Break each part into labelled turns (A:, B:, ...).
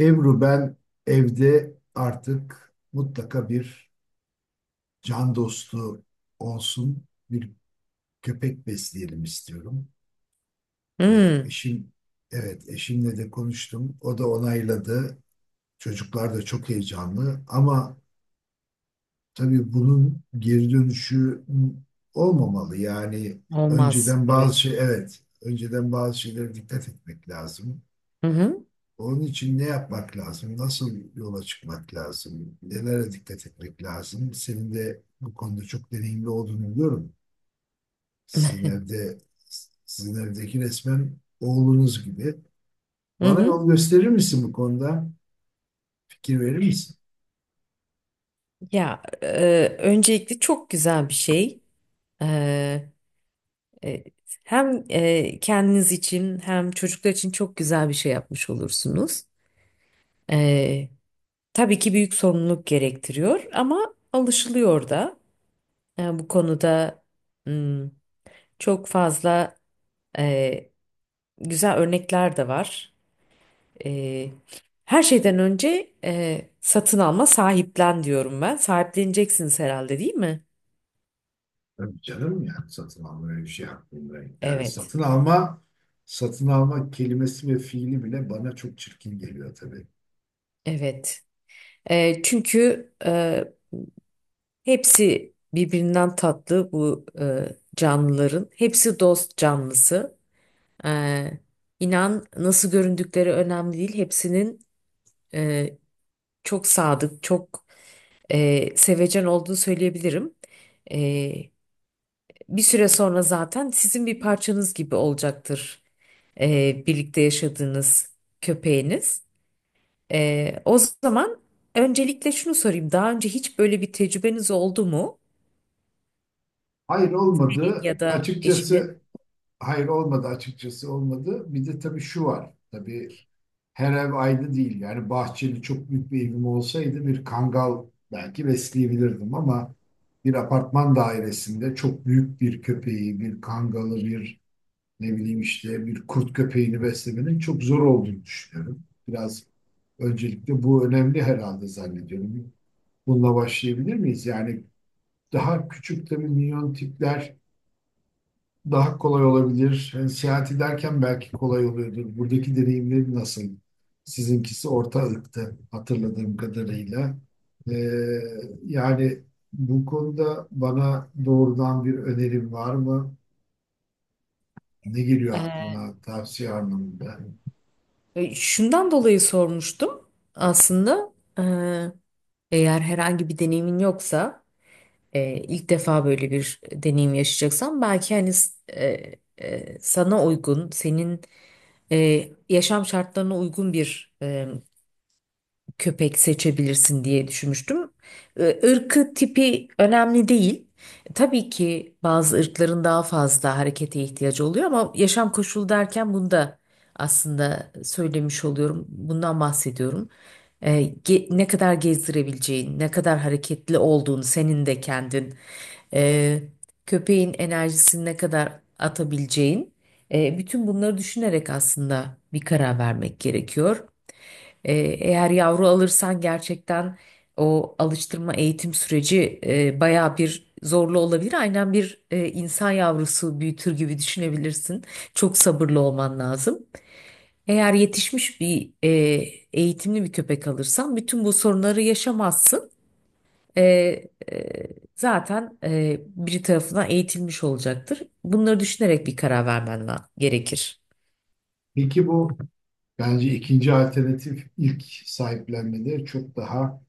A: Ebru, ben evde artık mutlaka bir can dostu olsun, bir köpek besleyelim istiyorum.
B: Hmm,
A: Eşim, evet, eşimle de konuştum. O da onayladı. Çocuklar da çok heyecanlı ama tabii bunun geri dönüşü olmamalı. Yani
B: olmaz.
A: önceden
B: Evet.
A: bazı şey evet önceden bazı şeylere dikkat etmek lazım.
B: Hı hı.
A: Onun için ne yapmak lazım? Nasıl yola çıkmak lazım? Nelere dikkat etmek lazım? Senin de bu konuda çok deneyimli olduğunu biliyorum. Sizin evde, sizin evdeki resmen oğlunuz gibi.
B: Hı
A: Bana
B: hı.
A: yol gösterir misin bu konuda? Fikir verir misin?
B: Öncelikle çok güzel bir şey. E, e, Hem kendiniz için hem çocuklar için çok güzel bir şey yapmış olursunuz. E, tabii ki büyük sorumluluk gerektiriyor ama alışılıyor da. Bu konuda hmm, çok fazla e, güzel örnekler de var. Ee, Her şeyden önce satın alma, sahiplen diyorum ben. Sahipleneceksiniz herhalde, değil mi?
A: Tabii canım, yani satın alma öyle bir şey aklımda. Yani
B: Evet,
A: satın alma kelimesi ve fiili bile bana çok çirkin geliyor tabii.
B: evet. Çünkü hepsi birbirinden tatlı bu canlıların. Hepsi dost canlısı. Ee, inan nasıl göründükleri önemli değil. Hepsinin e, çok sadık, çok sevecen olduğunu söyleyebilirim. E, Bir süre sonra zaten sizin bir parçanız gibi olacaktır, birlikte yaşadığınız köpeğiniz. O zaman öncelikle şunu sorayım. Daha önce hiç böyle bir tecrübeniz oldu mu?
A: Hayır, olmadı.
B: Ya da eşinin?
A: Açıkçası hayır olmadı, açıkçası olmadı. Bir de tabii şu var. Tabii her ev aynı değil. Yani bahçeli çok büyük bir evim olsaydı bir kangal belki besleyebilirdim ama bir apartman dairesinde çok büyük bir köpeği, bir kangalı, bir ne bileyim işte bir kurt köpeğini beslemenin çok zor olduğunu düşünüyorum. Biraz öncelikle bu önemli herhalde zannediyorum. Bununla başlayabilir miyiz? Yani daha küçük tabii minyon tipler daha kolay olabilir. Seyahati derken belki kolay oluyordur. Buradaki deneyimleri nasıl? Sizinkisi orta ırktı hatırladığım kadarıyla. E, Yani bu konuda bana doğrudan bir önerim var mı? Ne geliyor
B: E,
A: aklına tavsiye anlamında?
B: Şundan dolayı sormuştum aslında. E, Eğer herhangi bir deneyimin yoksa, ilk defa böyle bir deneyim yaşayacaksan belki hani e, sana uygun, senin yaşam şartlarına uygun bir köpek seçebilirsin diye düşünmüştüm. Irkı, tipi önemli değil. Tabii ki bazı ırkların daha fazla harekete ihtiyacı oluyor ama yaşam koşulu derken bunu da aslında söylemiş oluyorum. Bundan bahsediyorum. Ee, Ne kadar gezdirebileceğin, ne kadar hareketli olduğun, senin de kendin, ee, köpeğin enerjisini ne kadar atabileceğin, bütün bunları düşünerek aslında bir karar vermek gerekiyor. Ee, Eğer yavru alırsan gerçekten o alıştırma eğitim süreci bayağı bir zorlu olabilir. Aynen bir insan yavrusu büyütür gibi düşünebilirsin. Çok sabırlı olman lazım. Eğer yetişmiş bir eğitimli bir köpek alırsan bütün bu sorunları yaşamazsın. E, e, Zaten biri tarafından eğitilmiş olacaktır. Bunları düşünerek bir karar gerekir.
A: Peki bu, bence ikinci alternatif ilk sahiplenmede çok daha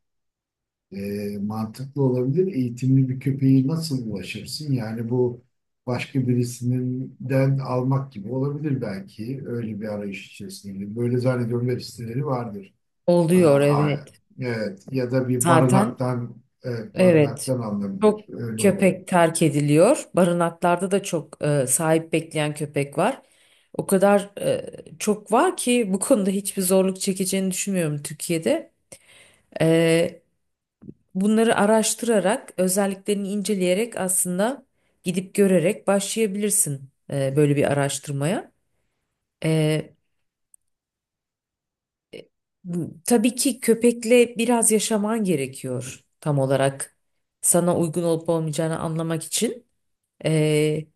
A: Mantıklı olabilir. Eğitimli bir köpeği nasıl ulaşırsın? Yani bu başka birisinden almak gibi olabilir belki. Öyle bir arayış içerisinde. Böyle zannediyorum web siteleri vardır. Aa,
B: Oluyor,
A: aa,
B: evet.
A: evet. Ya da bir
B: Zaten
A: barınaktan, evet,
B: evet.
A: barınaktan alınabilir.
B: Çok
A: Öyle olabilir.
B: köpek terk ediliyor. Barınaklarda da çok sahip bekleyen köpek var. O kadar çok var ki bu konuda hiçbir zorluk çekeceğini düşünmüyorum Türkiye'de. E, Bunları araştırarak, özelliklerini inceleyerek, aslında gidip görerek başlayabilirsin böyle bir araştırmaya. E, e, tabii ki köpekle biraz yaşaman gerekiyor tam olarak sana uygun olup olmayacağını anlamak için. E,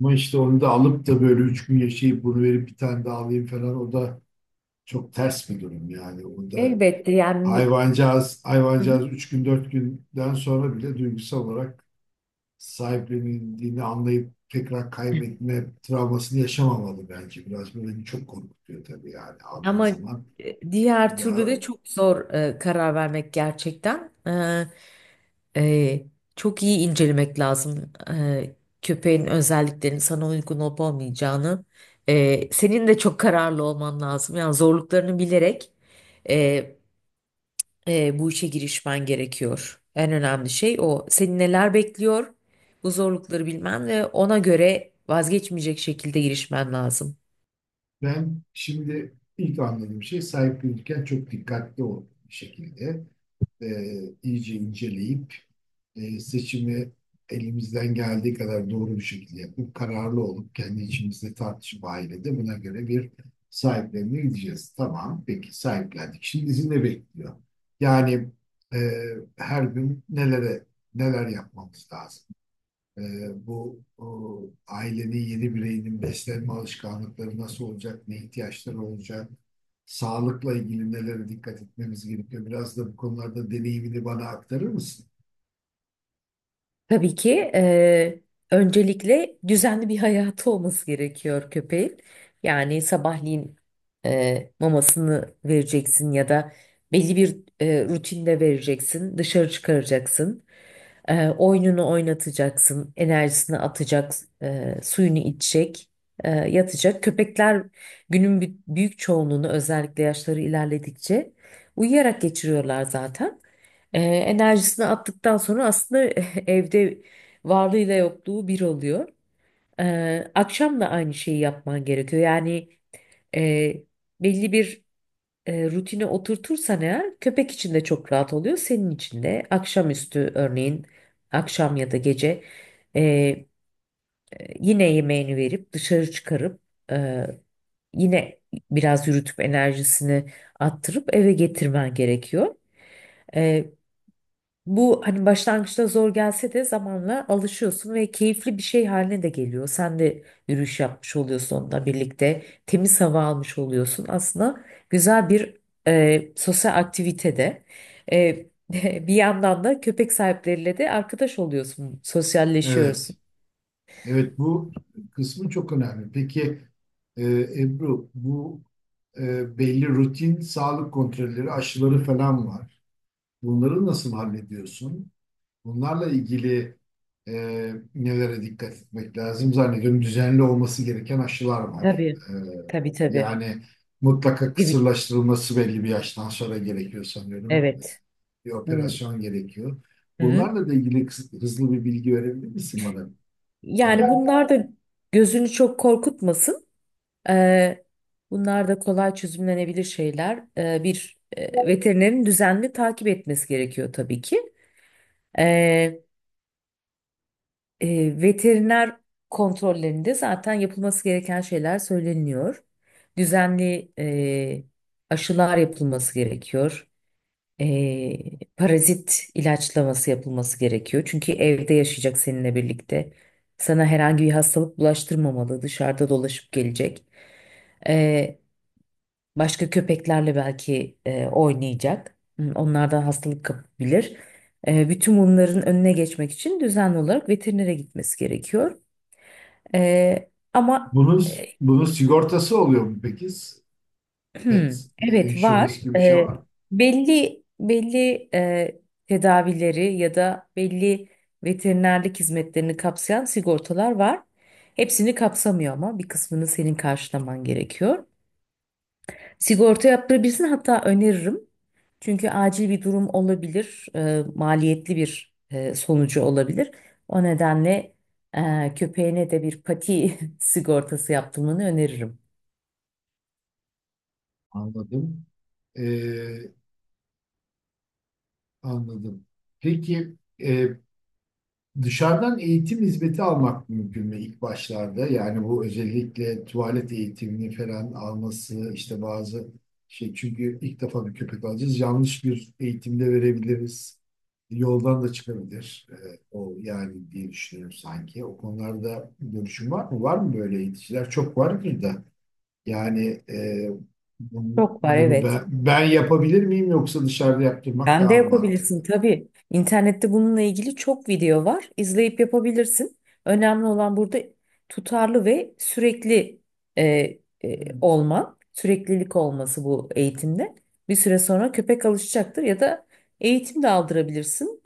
A: Ama işte onu da alıp da böyle üç gün yaşayıp bunu verip bir tane daha alayım falan, o da çok ters bir durum yani. O da
B: Elbette, yani bu... Hı hı.
A: hayvancağız üç gün dört günden sonra bile duygusal olarak sahiplenildiğini anlayıp tekrar kaybetme travmasını yaşamamalı bence. Biraz bu beni çok korkutuyor tabii, yani aldığın
B: Ama
A: zaman
B: diğer
A: bir daha.
B: türlü de çok zor karar vermek gerçekten. E, e, Çok iyi incelemek lazım, köpeğin özelliklerinin sana uygun olup olmayacağını. Senin de çok kararlı olman lazım. Yani zorluklarını bilerek e, bu işe girişmen gerekiyor. En önemli şey o. Seni neler bekliyor? Bu zorlukları bilmen ve ona göre vazgeçmeyecek şekilde girişmen lazım.
A: Ben şimdi ilk anladığım şey: sahiplenirken çok dikkatli ol bir şekilde. e, iyice inceleyip seçimi elimizden geldiği kadar doğru bir şekilde yapıp kararlı olup kendi içimizde tartışıp ailede buna göre bir sahiplenme gideceğiz. Tamam, peki sahiplendik. Şimdi bizi ne bekliyor? Yani e, her gün neler yapmamız lazım? Ee, bu o, Ailenin yeni bireyinin beslenme alışkanlıkları nasıl olacak, ne ihtiyaçları olacak, sağlıkla ilgili nelere dikkat etmemiz gerekiyor. Biraz da bu konularda deneyimini bana aktarır mısın?
B: Tabii ki, öncelikle düzenli bir hayatı olması gerekiyor köpeğin. Yani sabahleyin mamasını vereceksin ya da belli bir rutinde vereceksin, dışarı çıkaracaksın, oyununu oynatacaksın, enerjisini atacak, suyunu içecek, yatacak. Köpekler günün büyük çoğunluğunu, özellikle yaşları ilerledikçe, uyuyarak geçiriyorlar zaten. Enerjisini attıktan sonra aslında evde varlığıyla yokluğu bir oluyor. Akşam da aynı şeyi yapman gerekiyor. Yani e, belli bir rutine oturtursan eğer köpek için de çok rahat oluyor. Senin için de akşamüstü örneğin, akşam ya da gece, e, yine yemeğini verip dışarı çıkarıp e, yine biraz yürütüp enerjisini attırıp eve getirmen gerekiyor. Bu hani başlangıçta zor gelse de zamanla alışıyorsun ve keyifli bir şey haline de geliyor. Sen de yürüyüş yapmış oluyorsun onunla birlikte. Temiz hava almış oluyorsun. Aslında güzel bir sosyal aktivitede. E, Bir yandan da köpek sahipleriyle de arkadaş oluyorsun.
A: Evet,
B: Sosyalleşiyorsun.
A: evet, bu kısmı çok önemli. Peki e, Ebru, bu belli rutin sağlık kontrolleri, aşıları falan var. Bunları nasıl hallediyorsun? Bunlarla ilgili e, nelere dikkat etmek lazım zannediyorum. Düzenli olması gereken aşılar var.
B: Tabii. Tabii, tabii.
A: Yani mutlaka
B: Evet.
A: kısırlaştırılması belli bir yaştan sonra gerekiyor sanıyorum.
B: Evet.
A: Bir
B: Hı.
A: operasyon gerekiyor.
B: Hı.
A: Bunlarla da ilgili hızlı bir bilgi verebilir misin bana
B: Yani
A: Emel Bey?
B: bunlar da gözünü çok korkutmasın. Eee, Bunlar da kolay çözümlenebilir şeyler. Bir veterinerin düzenli takip etmesi gerekiyor tabii ki. Eee, Veteriner kontrollerinde zaten yapılması gereken şeyler söyleniyor. Düzenli aşılar yapılması gerekiyor. Parazit ilaçlaması yapılması gerekiyor. Çünkü evde yaşayacak seninle birlikte. Sana herhangi bir hastalık bulaştırmamalı, dışarıda dolaşıp gelecek. Başka köpeklerle belki oynayacak. Hmm, onlardan hastalık kapabilir. Bütün bunların önüne geçmek için düzenli olarak veterinere gitmesi gerekiyor. E, ama
A: Bunun,
B: e,
A: bunun sigortası oluyor mu peki?
B: hmm,
A: Pet
B: evet,
A: insurance
B: var.
A: gibi bir şey var mı?
B: Belli belli tedavileri ya da belli veterinerlik hizmetlerini kapsayan sigortalar var. Hepsini kapsamıyor ama bir kısmını senin karşılaman gerekiyor. Sigorta yaptırabilirsin, hatta öneririm. Çünkü acil bir durum olabilir, maliyetli bir sonucu olabilir. O nedenle köpeğine de bir pati sigortası yaptırmanı öneririm.
A: Anladım. E, Anladım. Peki dışarıdan eğitim hizmeti almak mümkün mü ilk başlarda? Yani bu özellikle tuvalet eğitimini falan alması işte bazı çünkü ilk defa bir köpek alacağız. Yanlış bir eğitimde verebiliriz. Yoldan da çıkabilir. O yani, diye düşünüyorum sanki. O konularda görüşün var mı? Var mı böyle eğiticiler? Çok vardır da. Yani
B: Çok var,
A: bunu
B: evet.
A: ben yapabilir miyim, yoksa dışarıda yaptırmak
B: Sen de
A: daha mı
B: yapabilirsin
A: mantıklı?
B: tabii. İnternette bununla ilgili çok video var. İzleyip yapabilirsin. Önemli olan burada tutarlı ve sürekli e, olman, süreklilik olması bu eğitimde. Bir süre sonra köpek alışacaktır ya da eğitim de aldırabilirsin.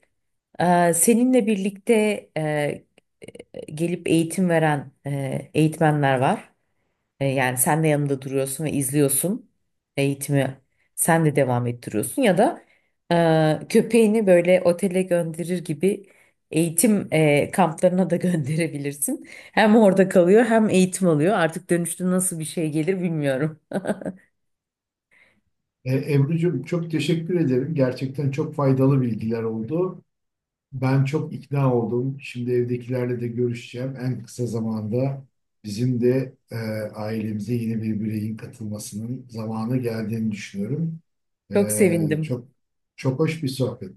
B: Seninle birlikte e, gelip eğitim veren eğitmenler var. Yani sen de yanında duruyorsun ve izliyorsun eğitimi. Sen de devam ettiriyorsun ya da köpeğini böyle otele gönderir gibi eğitim kamplarına da gönderebilirsin. Hem orada kalıyor hem eğitim alıyor. Artık dönüşte nasıl bir şey gelir bilmiyorum.
A: Ebru'cum, çok teşekkür ederim. Gerçekten çok faydalı bilgiler oldu. Ben çok ikna oldum. Şimdi evdekilerle de görüşeceğim. En kısa zamanda bizim de ailemize yeni bir bireyin katılmasının zamanı geldiğini düşünüyorum.
B: Çok
A: E,
B: sevindim.
A: çok çok hoş bir sohbet.